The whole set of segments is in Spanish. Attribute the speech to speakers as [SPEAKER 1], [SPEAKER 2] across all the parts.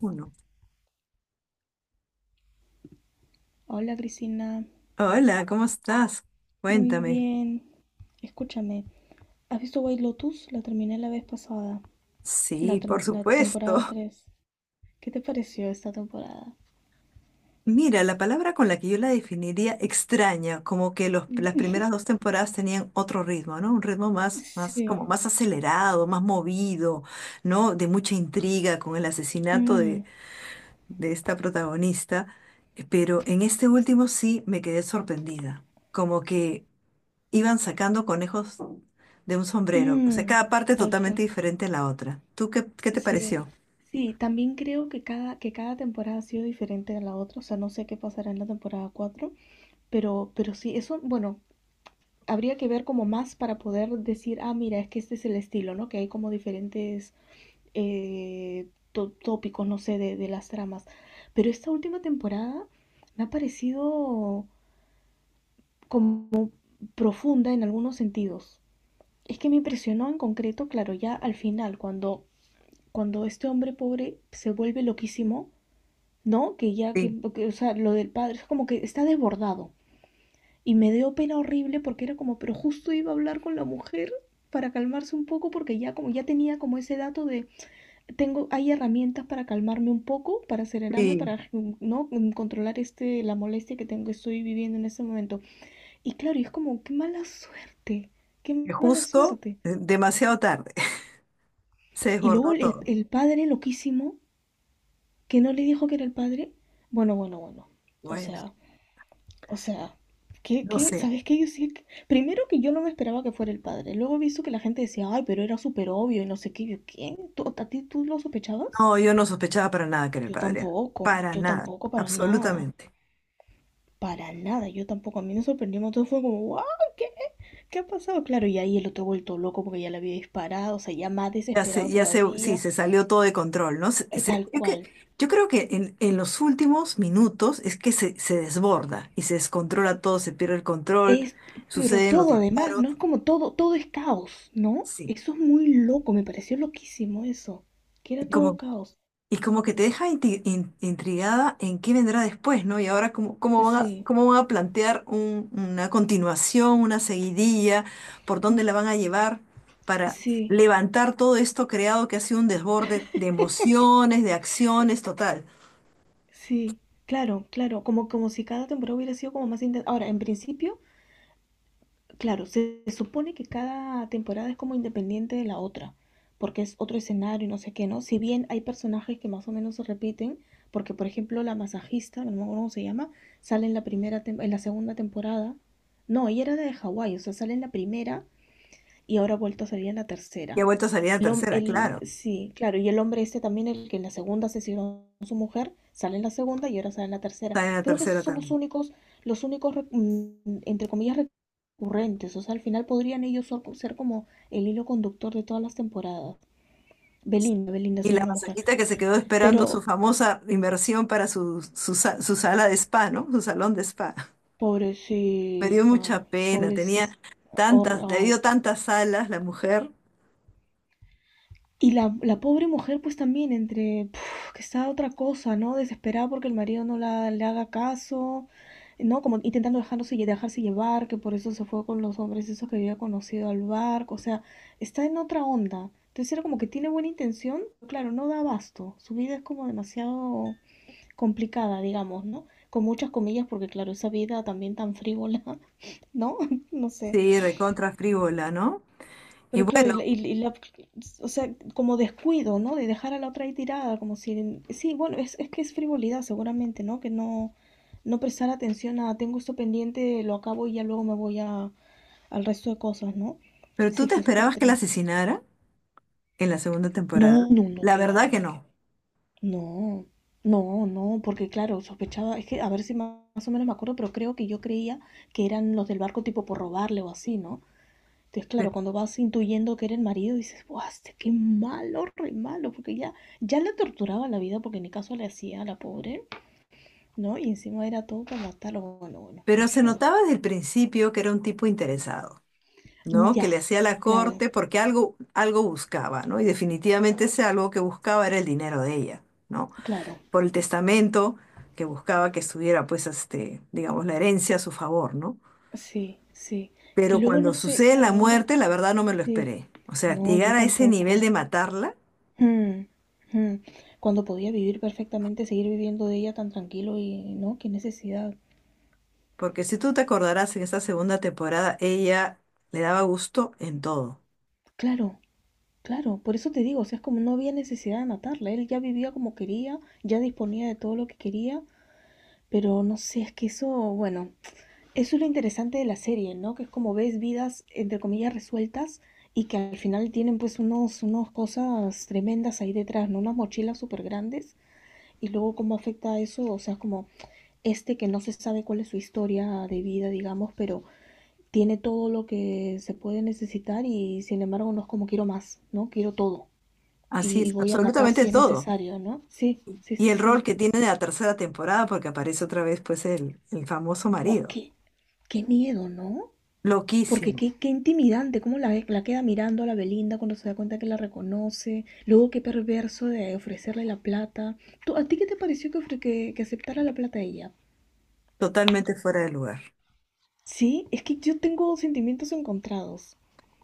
[SPEAKER 1] Uno.
[SPEAKER 2] Hola Cristina,
[SPEAKER 1] Hola, ¿cómo estás?
[SPEAKER 2] muy
[SPEAKER 1] Cuéntame.
[SPEAKER 2] bien. Escúchame, ¿has visto White Lotus? La terminé la vez pasada, la,
[SPEAKER 1] Sí, por
[SPEAKER 2] tem- la
[SPEAKER 1] supuesto.
[SPEAKER 2] temporada 3. ¿Qué te pareció esta temporada?
[SPEAKER 1] Mira, la palabra con la que yo la definiría extraña, como que las primeras dos temporadas tenían otro ritmo, ¿no? Un ritmo
[SPEAKER 2] Sí.
[SPEAKER 1] como más acelerado, más movido, ¿no? De mucha intriga con el asesinato
[SPEAKER 2] Mm,
[SPEAKER 1] de esta protagonista. Pero en este último sí me quedé sorprendida. Como que iban sacando conejos de un sombrero, o sea,
[SPEAKER 2] mm,
[SPEAKER 1] cada parte
[SPEAKER 2] Exacto.
[SPEAKER 1] totalmente diferente a la otra. ¿Tú qué te
[SPEAKER 2] Sí.
[SPEAKER 1] pareció?
[SPEAKER 2] Sí, también creo que cada temporada ha sido diferente a la otra, o sea, no sé qué pasará en la temporada 4, pero sí, eso, bueno, habría que ver como más para poder decir, ah, mira, es que este es el estilo, ¿no? Que hay como diferentes tópicos, no sé, de las tramas. Pero esta última temporada me ha parecido como profunda en algunos sentidos. Es que me impresionó en concreto, claro, ya al final, cuando, cuando este hombre pobre se vuelve loquísimo, ¿no? Que ya
[SPEAKER 1] Sí,
[SPEAKER 2] que, o sea, lo del padre es como que está desbordado. Y me dio pena horrible porque era como, pero justo iba a hablar con la mujer para calmarse un poco porque ya como ya tenía como ese dato de tengo, hay herramientas para calmarme un poco, para serenarme,
[SPEAKER 1] sí,
[SPEAKER 2] para no controlar este, la molestia que tengo, que estoy viviendo en este momento. Y claro, y es como, qué mala suerte, qué
[SPEAKER 1] que
[SPEAKER 2] mala
[SPEAKER 1] justo,
[SPEAKER 2] suerte.
[SPEAKER 1] demasiado tarde, se
[SPEAKER 2] Y luego
[SPEAKER 1] desbordó todo.
[SPEAKER 2] el padre loquísimo, que no le dijo que era el padre. Bueno, bueno, bueno. O
[SPEAKER 1] Bueno,
[SPEAKER 2] sea, o sea, ¿qué,
[SPEAKER 1] no
[SPEAKER 2] qué?
[SPEAKER 1] sé.
[SPEAKER 2] ¿Sabes qué? Yo sí, primero que yo no me esperaba que fuera el padre. Luego he visto que la gente decía, ay, pero era súper obvio y no sé qué. Yo, ¿quién? ¿Tú, ¿A ti tú lo sospechabas?
[SPEAKER 1] No, yo no sospechaba para nada que era el padre, para
[SPEAKER 2] Yo
[SPEAKER 1] nada,
[SPEAKER 2] tampoco para nada.
[SPEAKER 1] absolutamente.
[SPEAKER 2] Para nada, yo tampoco. A mí me sorprendimos. Todo fue como, wow, ¿qué, qué ha pasado? Claro, y ahí el otro vuelto loco porque ya le había disparado, o sea, ya más desesperado
[SPEAKER 1] Sí,
[SPEAKER 2] todavía,
[SPEAKER 1] se salió todo de control, ¿no?
[SPEAKER 2] tal cual.
[SPEAKER 1] Yo creo que en los últimos minutos es que se desborda y se descontrola todo, se pierde el control,
[SPEAKER 2] Es, pero
[SPEAKER 1] suceden los
[SPEAKER 2] todo además,
[SPEAKER 1] disparos,
[SPEAKER 2] ¿no? Es como todo, todo es caos, ¿no?
[SPEAKER 1] sí.
[SPEAKER 2] Eso es muy loco, me pareció loquísimo eso, que
[SPEAKER 1] Y
[SPEAKER 2] era todo
[SPEAKER 1] como
[SPEAKER 2] caos.
[SPEAKER 1] Y como que te deja intrigada en qué vendrá después, ¿no? Y ahora
[SPEAKER 2] Sí,
[SPEAKER 1] cómo van a plantear una continuación, una seguidilla, por
[SPEAKER 2] mm,
[SPEAKER 1] dónde la van a llevar para
[SPEAKER 2] sí,
[SPEAKER 1] levantar todo esto creado que ha sido un desborde de emociones, de acciones, total.
[SPEAKER 2] sí, claro, claro, como, como si cada temporada hubiera sido como más intensa. Ahora, en principio, claro, se supone que cada temporada es como independiente de la otra, porque es otro escenario y no sé qué, ¿no? Si bien hay personajes que más o menos se repiten, porque por ejemplo la masajista, no me acuerdo cómo se llama, sale en la segunda temporada. No, ella era de Hawái, o sea, sale en la primera y ahora ha vuelto a salir en la
[SPEAKER 1] Y ha
[SPEAKER 2] tercera.
[SPEAKER 1] vuelto a salir en la tercera, claro.
[SPEAKER 2] Sí, claro, y el hombre este también, el que en la segunda asesinó a su mujer, sale en la segunda y ahora sale en la tercera.
[SPEAKER 1] Está en la
[SPEAKER 2] Creo que esos
[SPEAKER 1] tercera
[SPEAKER 2] son
[SPEAKER 1] también.
[SPEAKER 2] los únicos, entre comillas, recurrentes. O sea, al final podrían ellos ser, ser como el hilo conductor de todas las temporadas. Belinda, Belinda
[SPEAKER 1] Y
[SPEAKER 2] se
[SPEAKER 1] la
[SPEAKER 2] llama la mujer.
[SPEAKER 1] masajita que se quedó esperando su
[SPEAKER 2] Pero,
[SPEAKER 1] famosa inversión para su sala de spa, ¿no? Su salón de spa. Me dio
[SPEAKER 2] pobrecita,
[SPEAKER 1] mucha pena, tenía
[SPEAKER 2] pobrecita. Hor-
[SPEAKER 1] tantas, le dio
[SPEAKER 2] ay,
[SPEAKER 1] tantas alas la mujer.
[SPEAKER 2] y la pobre mujer, pues también, entre puf, que está otra cosa, ¿no? Desesperada porque el marido no la, le haga caso, ¿no? Como intentando dejarse llevar, que por eso se fue con los hombres esos que había conocido al barco, o sea, está en otra onda. Entonces era como que tiene buena intención, pero claro, no da abasto. Su vida es como demasiado complicada, digamos, ¿no? Con muchas comillas, porque claro, esa vida también tan frívola, ¿no? No sé.
[SPEAKER 1] Sí, recontra frívola, ¿no? Y
[SPEAKER 2] Pero claro,
[SPEAKER 1] bueno,
[SPEAKER 2] y la- o sea, como descuido, ¿no? De dejar a la otra ahí tirada, como si, sí, bueno, es que es frivolidad seguramente, ¿no? Que no, no prestar atención a, tengo esto pendiente, lo acabo y ya luego me voy a, al resto de cosas, ¿no?
[SPEAKER 1] pero ¿tú
[SPEAKER 2] Sí,
[SPEAKER 1] te
[SPEAKER 2] fue súper
[SPEAKER 1] esperabas que la
[SPEAKER 2] triste.
[SPEAKER 1] asesinara en la segunda temporada?
[SPEAKER 2] No, no, no,
[SPEAKER 1] La
[SPEAKER 2] que va,
[SPEAKER 1] verdad
[SPEAKER 2] que
[SPEAKER 1] que
[SPEAKER 2] va, que
[SPEAKER 1] no.
[SPEAKER 2] va. No, no, no, porque claro, sospechaba, es que a ver si más, más o menos me acuerdo, pero creo que yo creía que eran los del barco tipo por robarle o así, ¿no? Entonces,
[SPEAKER 1] Pe-
[SPEAKER 2] claro, cuando vas intuyendo que era el marido, dices, ¡buah, este qué malo, re malo! Porque ya, ya la torturaba la vida porque ni caso le hacía a la pobre, ¿no? Y encima era todo para matarlo. Bueno, bueno, un
[SPEAKER 1] Pero se
[SPEAKER 2] show.
[SPEAKER 1] notaba desde el principio que era un tipo interesado, ¿no? Que
[SPEAKER 2] Ya,
[SPEAKER 1] le hacía la
[SPEAKER 2] claro,
[SPEAKER 1] corte porque algo buscaba, ¿no? Y definitivamente ese algo que buscaba era el dinero de ella, ¿no?
[SPEAKER 2] claro.
[SPEAKER 1] Por el testamento que buscaba que estuviera, pues, este, digamos, la herencia a su favor, ¿no?
[SPEAKER 2] Sí, sí. Que
[SPEAKER 1] Pero
[SPEAKER 2] luego
[SPEAKER 1] cuando
[SPEAKER 2] no sé,
[SPEAKER 1] sucede la
[SPEAKER 2] claro, ahora.
[SPEAKER 1] muerte, la verdad no me lo
[SPEAKER 2] Sí.
[SPEAKER 1] esperé. O sea,
[SPEAKER 2] No, yo
[SPEAKER 1] llegar a ese nivel
[SPEAKER 2] tampoco.
[SPEAKER 1] de matarla,
[SPEAKER 2] Hmm, hmm. Cuando podía vivir perfectamente, seguir viviendo de ella tan tranquilo y, ¿no? Qué necesidad.
[SPEAKER 1] porque si tú te acordarás en esta segunda temporada, ella le daba gusto en todo.
[SPEAKER 2] Claro, claro, por eso te digo, o sea, es como no había necesidad de matarla, él ya vivía como quería, ya disponía de todo lo que quería, pero no sé, es que eso, bueno, eso es lo interesante de la serie, ¿no? Que es como ves vidas, entre comillas, resueltas y que al final tienen pues unos, unos cosas tremendas ahí detrás, ¿no? Unas mochilas súper grandes y luego cómo afecta eso, o sea, como este que no se sabe cuál es su historia de vida, digamos, pero tiene todo lo que se puede necesitar y sin embargo no es como quiero más, ¿no? Quiero todo
[SPEAKER 1] Así
[SPEAKER 2] y
[SPEAKER 1] es,
[SPEAKER 2] voy a matar
[SPEAKER 1] absolutamente
[SPEAKER 2] si es
[SPEAKER 1] todo.
[SPEAKER 2] necesario, ¿no? Sí, sí,
[SPEAKER 1] Y
[SPEAKER 2] sí,
[SPEAKER 1] el rol
[SPEAKER 2] sí.
[SPEAKER 1] que tiene en la tercera temporada, porque aparece otra vez pues el famoso
[SPEAKER 2] Buah,
[SPEAKER 1] marido.
[SPEAKER 2] qué, qué miedo, ¿no? Porque
[SPEAKER 1] Loquísimo,
[SPEAKER 2] qué, qué intimidante, cómo la, la queda mirando a la Belinda cuando se da cuenta que la reconoce. Luego qué perverso de ofrecerle la plata. ¿Tú, ¿A ti qué te pareció que, que aceptara la plata ella?
[SPEAKER 1] totalmente fuera de lugar.
[SPEAKER 2] Sí, es que yo tengo sentimientos encontrados.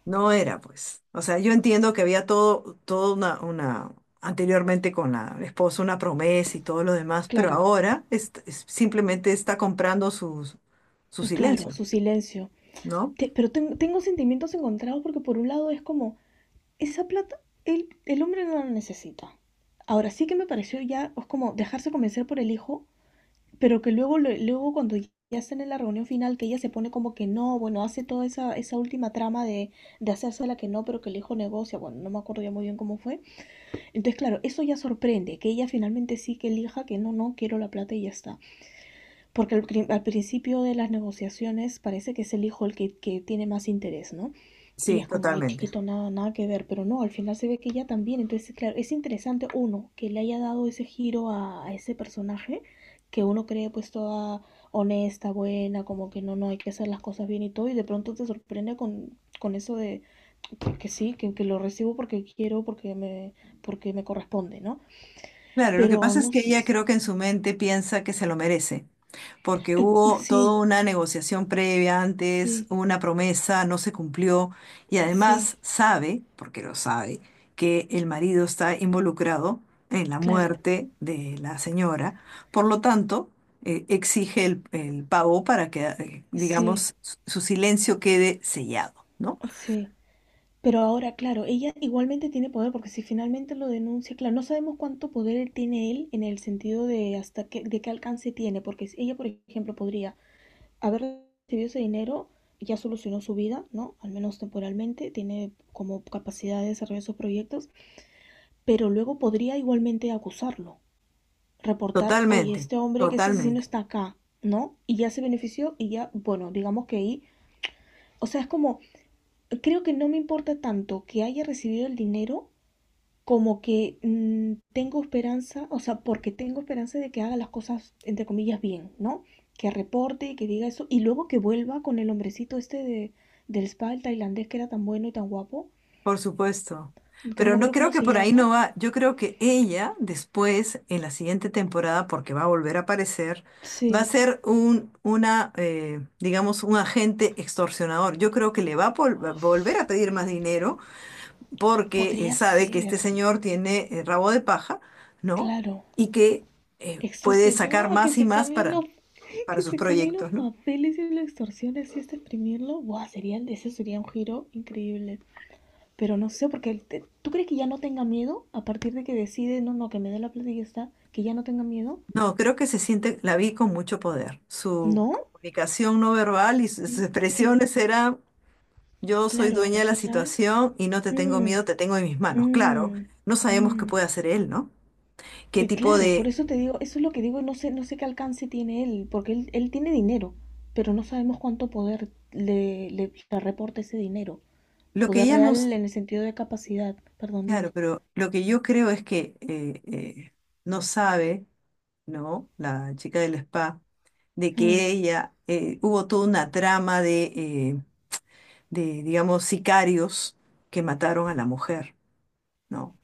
[SPEAKER 1] No era, pues. O sea, yo entiendo que había todo una, anteriormente con la esposa una promesa y todo lo demás, pero
[SPEAKER 2] Claro,
[SPEAKER 1] ahora simplemente está comprando su
[SPEAKER 2] claro,
[SPEAKER 1] silencio,
[SPEAKER 2] su silencio.
[SPEAKER 1] ¿no?
[SPEAKER 2] Tengo sentimientos encontrados porque por un lado es como, esa plata el hombre no la necesita. Ahora sí que me pareció ya es como dejarse convencer por el hijo, pero que luego, luego cuando ya están en la reunión final, que ella se pone como que no, bueno, hace toda esa, esa última trama de hacerse la que no, pero que el hijo negocia, bueno, no me acuerdo ya muy bien cómo fue. Entonces, claro, eso ya sorprende, que ella finalmente sí que elija que no, no, quiero la plata y ya está. Porque al, al principio de las negociaciones parece que es el hijo el que tiene más interés, ¿no? Y
[SPEAKER 1] Sí,
[SPEAKER 2] es como, ay,
[SPEAKER 1] totalmente.
[SPEAKER 2] chiquito, nada, nada que ver, pero no, al final se ve que ella también. Entonces, claro, es interesante, uno, que le haya dado ese giro a ese personaje, que uno cree pues toda honesta, buena, como que no, no, hay que hacer las cosas bien y todo, y de pronto te sorprende con eso de que sí, que lo recibo porque quiero, porque me corresponde, ¿no?
[SPEAKER 1] Claro, lo que
[SPEAKER 2] Pero
[SPEAKER 1] pasa es
[SPEAKER 2] no
[SPEAKER 1] que ella
[SPEAKER 2] sé,
[SPEAKER 1] creo que en su mente piensa que se lo merece. Porque hubo
[SPEAKER 2] sí,
[SPEAKER 1] toda una negociación previa antes,
[SPEAKER 2] sí,
[SPEAKER 1] una promesa, no se cumplió y
[SPEAKER 2] sí,
[SPEAKER 1] además sabe, porque lo sabe, que el marido está involucrado en la
[SPEAKER 2] claro.
[SPEAKER 1] muerte de la señora, por lo tanto, exige el pago para que,
[SPEAKER 2] Sí,
[SPEAKER 1] digamos, su su silencio quede sellado, ¿no?
[SPEAKER 2] sí. Pero ahora, claro, ella igualmente tiene poder, porque si finalmente lo denuncia, claro, no sabemos cuánto poder tiene él en el sentido de hasta qué, de qué alcance tiene, porque si ella, por ejemplo, podría haber recibido ese dinero, ya solucionó su vida, ¿no? Al menos temporalmente, tiene como capacidad de desarrollar esos proyectos, pero luego podría igualmente acusarlo, reportar, oye,
[SPEAKER 1] Totalmente,
[SPEAKER 2] este hombre que es asesino
[SPEAKER 1] totalmente.
[SPEAKER 2] está acá, ¿no? Y ya se benefició y ya, bueno, digamos que ahí, o sea, es como creo que no me importa tanto que haya recibido el dinero como que mm, tengo esperanza, o sea, porque tengo esperanza de que haga las cosas, entre comillas, bien, ¿no? Que reporte, que diga eso, y luego que vuelva con el hombrecito este de, del spa, el tailandés, que era tan bueno y tan guapo,
[SPEAKER 1] Por supuesto.
[SPEAKER 2] que no
[SPEAKER 1] Pero
[SPEAKER 2] me
[SPEAKER 1] no
[SPEAKER 2] acuerdo
[SPEAKER 1] creo
[SPEAKER 2] cómo
[SPEAKER 1] que
[SPEAKER 2] se
[SPEAKER 1] por ahí
[SPEAKER 2] llama.
[SPEAKER 1] no va. Yo creo que ella después, en la siguiente temporada, porque va a volver a aparecer, va a
[SPEAKER 2] Sí.
[SPEAKER 1] ser digamos, un agente extorsionador. Yo creo que le va a va a volver a
[SPEAKER 2] Uf,
[SPEAKER 1] pedir más dinero porque
[SPEAKER 2] podría
[SPEAKER 1] sabe que este
[SPEAKER 2] ser,
[SPEAKER 1] señor tiene rabo de paja, ¿no?
[SPEAKER 2] claro.
[SPEAKER 1] Y que puede sacar
[SPEAKER 2] Extorsionó, ¡ah! Que
[SPEAKER 1] más y
[SPEAKER 2] se
[SPEAKER 1] más
[SPEAKER 2] cambien los,
[SPEAKER 1] para
[SPEAKER 2] que
[SPEAKER 1] sus
[SPEAKER 2] se cambien los
[SPEAKER 1] proyectos, ¿no?
[SPEAKER 2] papeles y lo extorsiones y este exprimirlo. Buah, sería, ese sería un giro increíble. Pero no sé, porque tú crees que ya no tenga miedo a partir de que decide, no, no, que me dé la plata y ya está, que ya no tenga miedo.
[SPEAKER 1] No, creo que se siente, la vi con mucho poder. Su
[SPEAKER 2] ¿No?
[SPEAKER 1] comunicación no verbal y sus
[SPEAKER 2] Sí, sí,
[SPEAKER 1] expresiones era, yo soy
[SPEAKER 2] claro,
[SPEAKER 1] dueña
[SPEAKER 2] al
[SPEAKER 1] de la
[SPEAKER 2] final.
[SPEAKER 1] situación y no te tengo miedo,
[SPEAKER 2] Mm,
[SPEAKER 1] te tengo en mis manos. Claro,
[SPEAKER 2] mm,
[SPEAKER 1] no sabemos qué
[SPEAKER 2] mm.
[SPEAKER 1] puede hacer él, ¿no? ¿Qué tipo
[SPEAKER 2] Claro, por
[SPEAKER 1] de...
[SPEAKER 2] eso te digo, eso es lo que digo, no sé, no sé qué alcance tiene él, porque él tiene dinero, pero no sabemos cuánto poder le reporta ese dinero.
[SPEAKER 1] Lo que
[SPEAKER 2] Poder
[SPEAKER 1] ella no... s-
[SPEAKER 2] real en el sentido de capacidad, perdón,
[SPEAKER 1] Claro,
[SPEAKER 2] dime.
[SPEAKER 1] pero lo que yo creo es que no sabe, ¿no? La chica del spa, de
[SPEAKER 2] Mm,
[SPEAKER 1] que ella... hubo toda una trama digamos, sicarios que mataron a la mujer. ¿No?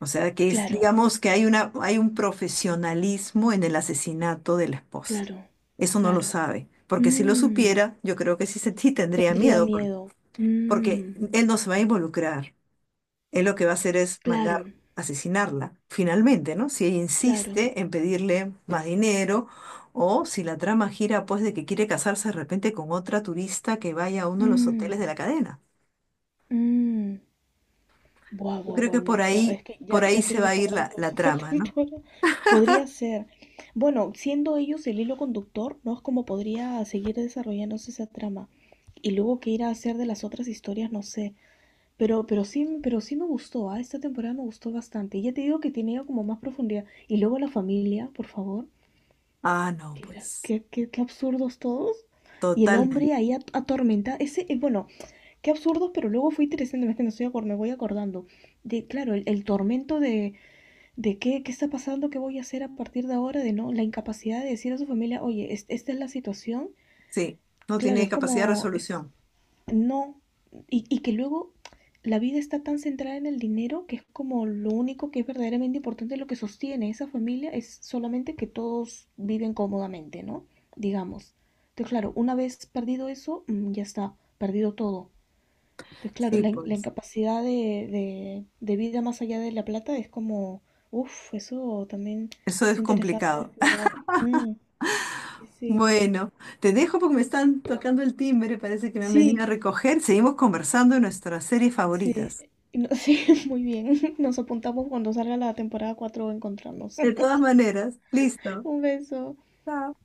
[SPEAKER 1] O sea, que es,
[SPEAKER 2] claro,
[SPEAKER 1] digamos que hay hay un profesionalismo en el asesinato de la esposa.
[SPEAKER 2] claro,
[SPEAKER 1] Eso no lo
[SPEAKER 2] claro.
[SPEAKER 1] sabe, porque si lo
[SPEAKER 2] Mm,
[SPEAKER 1] supiera, yo creo que sí, sí tendría
[SPEAKER 2] tendría
[SPEAKER 1] miedo, por-
[SPEAKER 2] miedo.
[SPEAKER 1] porque
[SPEAKER 2] Mm,
[SPEAKER 1] él no se va a involucrar. Él lo que va a hacer es
[SPEAKER 2] claro,
[SPEAKER 1] mandar asesinarla, finalmente, ¿no? Si ella
[SPEAKER 2] claro.
[SPEAKER 1] insiste en pedirle más dinero o si la trama gira, pues, de que quiere casarse de repente con otra turista que vaya a uno de los
[SPEAKER 2] Mm,
[SPEAKER 1] hoteles de la cadena.
[SPEAKER 2] mm. Buah,
[SPEAKER 1] Yo
[SPEAKER 2] buah,
[SPEAKER 1] creo
[SPEAKER 2] buah,
[SPEAKER 1] que
[SPEAKER 2] no. Ya, es que
[SPEAKER 1] por
[SPEAKER 2] ya,
[SPEAKER 1] ahí
[SPEAKER 2] ya
[SPEAKER 1] se
[SPEAKER 2] quiero
[SPEAKER 1] va
[SPEAKER 2] que
[SPEAKER 1] a ir
[SPEAKER 2] salga la
[SPEAKER 1] la, la
[SPEAKER 2] próxima
[SPEAKER 1] trama, ¿no?
[SPEAKER 2] temporada. Podría ser. Bueno, siendo ellos el hilo conductor, ¿no? Es como podría seguir desarrollándose esa trama. Y luego qué ir a hacer de las otras historias, no sé. Pero sí me gustó, ¿ah? Esta temporada me gustó bastante. Y ya te digo que tenía como más profundidad. Y luego la familia, por favor.
[SPEAKER 1] Ah, no,
[SPEAKER 2] Qué, gras-
[SPEAKER 1] pues,
[SPEAKER 2] qué- qué- qué absurdos todos. Y el
[SPEAKER 1] totalmente.
[SPEAKER 2] hombre ahí atormenta. Ese, bueno, qué absurdos, pero luego fue interesante. No, es que no me voy acordando. De, claro, el tormento de qué, qué está pasando, qué voy a hacer a partir de ahora, de no, la incapacidad de decir a su familia, oye, esta es la situación.
[SPEAKER 1] Sí, no
[SPEAKER 2] Claro,
[SPEAKER 1] tiene
[SPEAKER 2] es
[SPEAKER 1] capacidad de
[SPEAKER 2] como, es,
[SPEAKER 1] resolución.
[SPEAKER 2] no, y que luego la vida está tan centrada en el dinero que es como lo único que es verdaderamente importante, lo que sostiene esa familia es solamente que todos viven cómodamente, ¿no? Digamos. Entonces, claro, una vez perdido eso, mm, ya está, perdido todo. Entonces, claro,
[SPEAKER 1] Sí,
[SPEAKER 2] la
[SPEAKER 1] pues,
[SPEAKER 2] incapacidad de vida más allá de la plata es como, uff, eso también
[SPEAKER 1] eso
[SPEAKER 2] es
[SPEAKER 1] es
[SPEAKER 2] interesante de
[SPEAKER 1] complicado.
[SPEAKER 2] explorar. Mm, sí, sí.
[SPEAKER 1] Bueno, te dejo porque me están tocando el timbre, parece que me han venido a
[SPEAKER 2] Sí,
[SPEAKER 1] recoger. Seguimos conversando de nuestras series
[SPEAKER 2] sí,
[SPEAKER 1] favoritas.
[SPEAKER 2] sí, muy bien. Nos apuntamos cuando salga la temporada 4, a encontrarnos.
[SPEAKER 1] De todas maneras, listo.
[SPEAKER 2] Un beso.
[SPEAKER 1] Chao.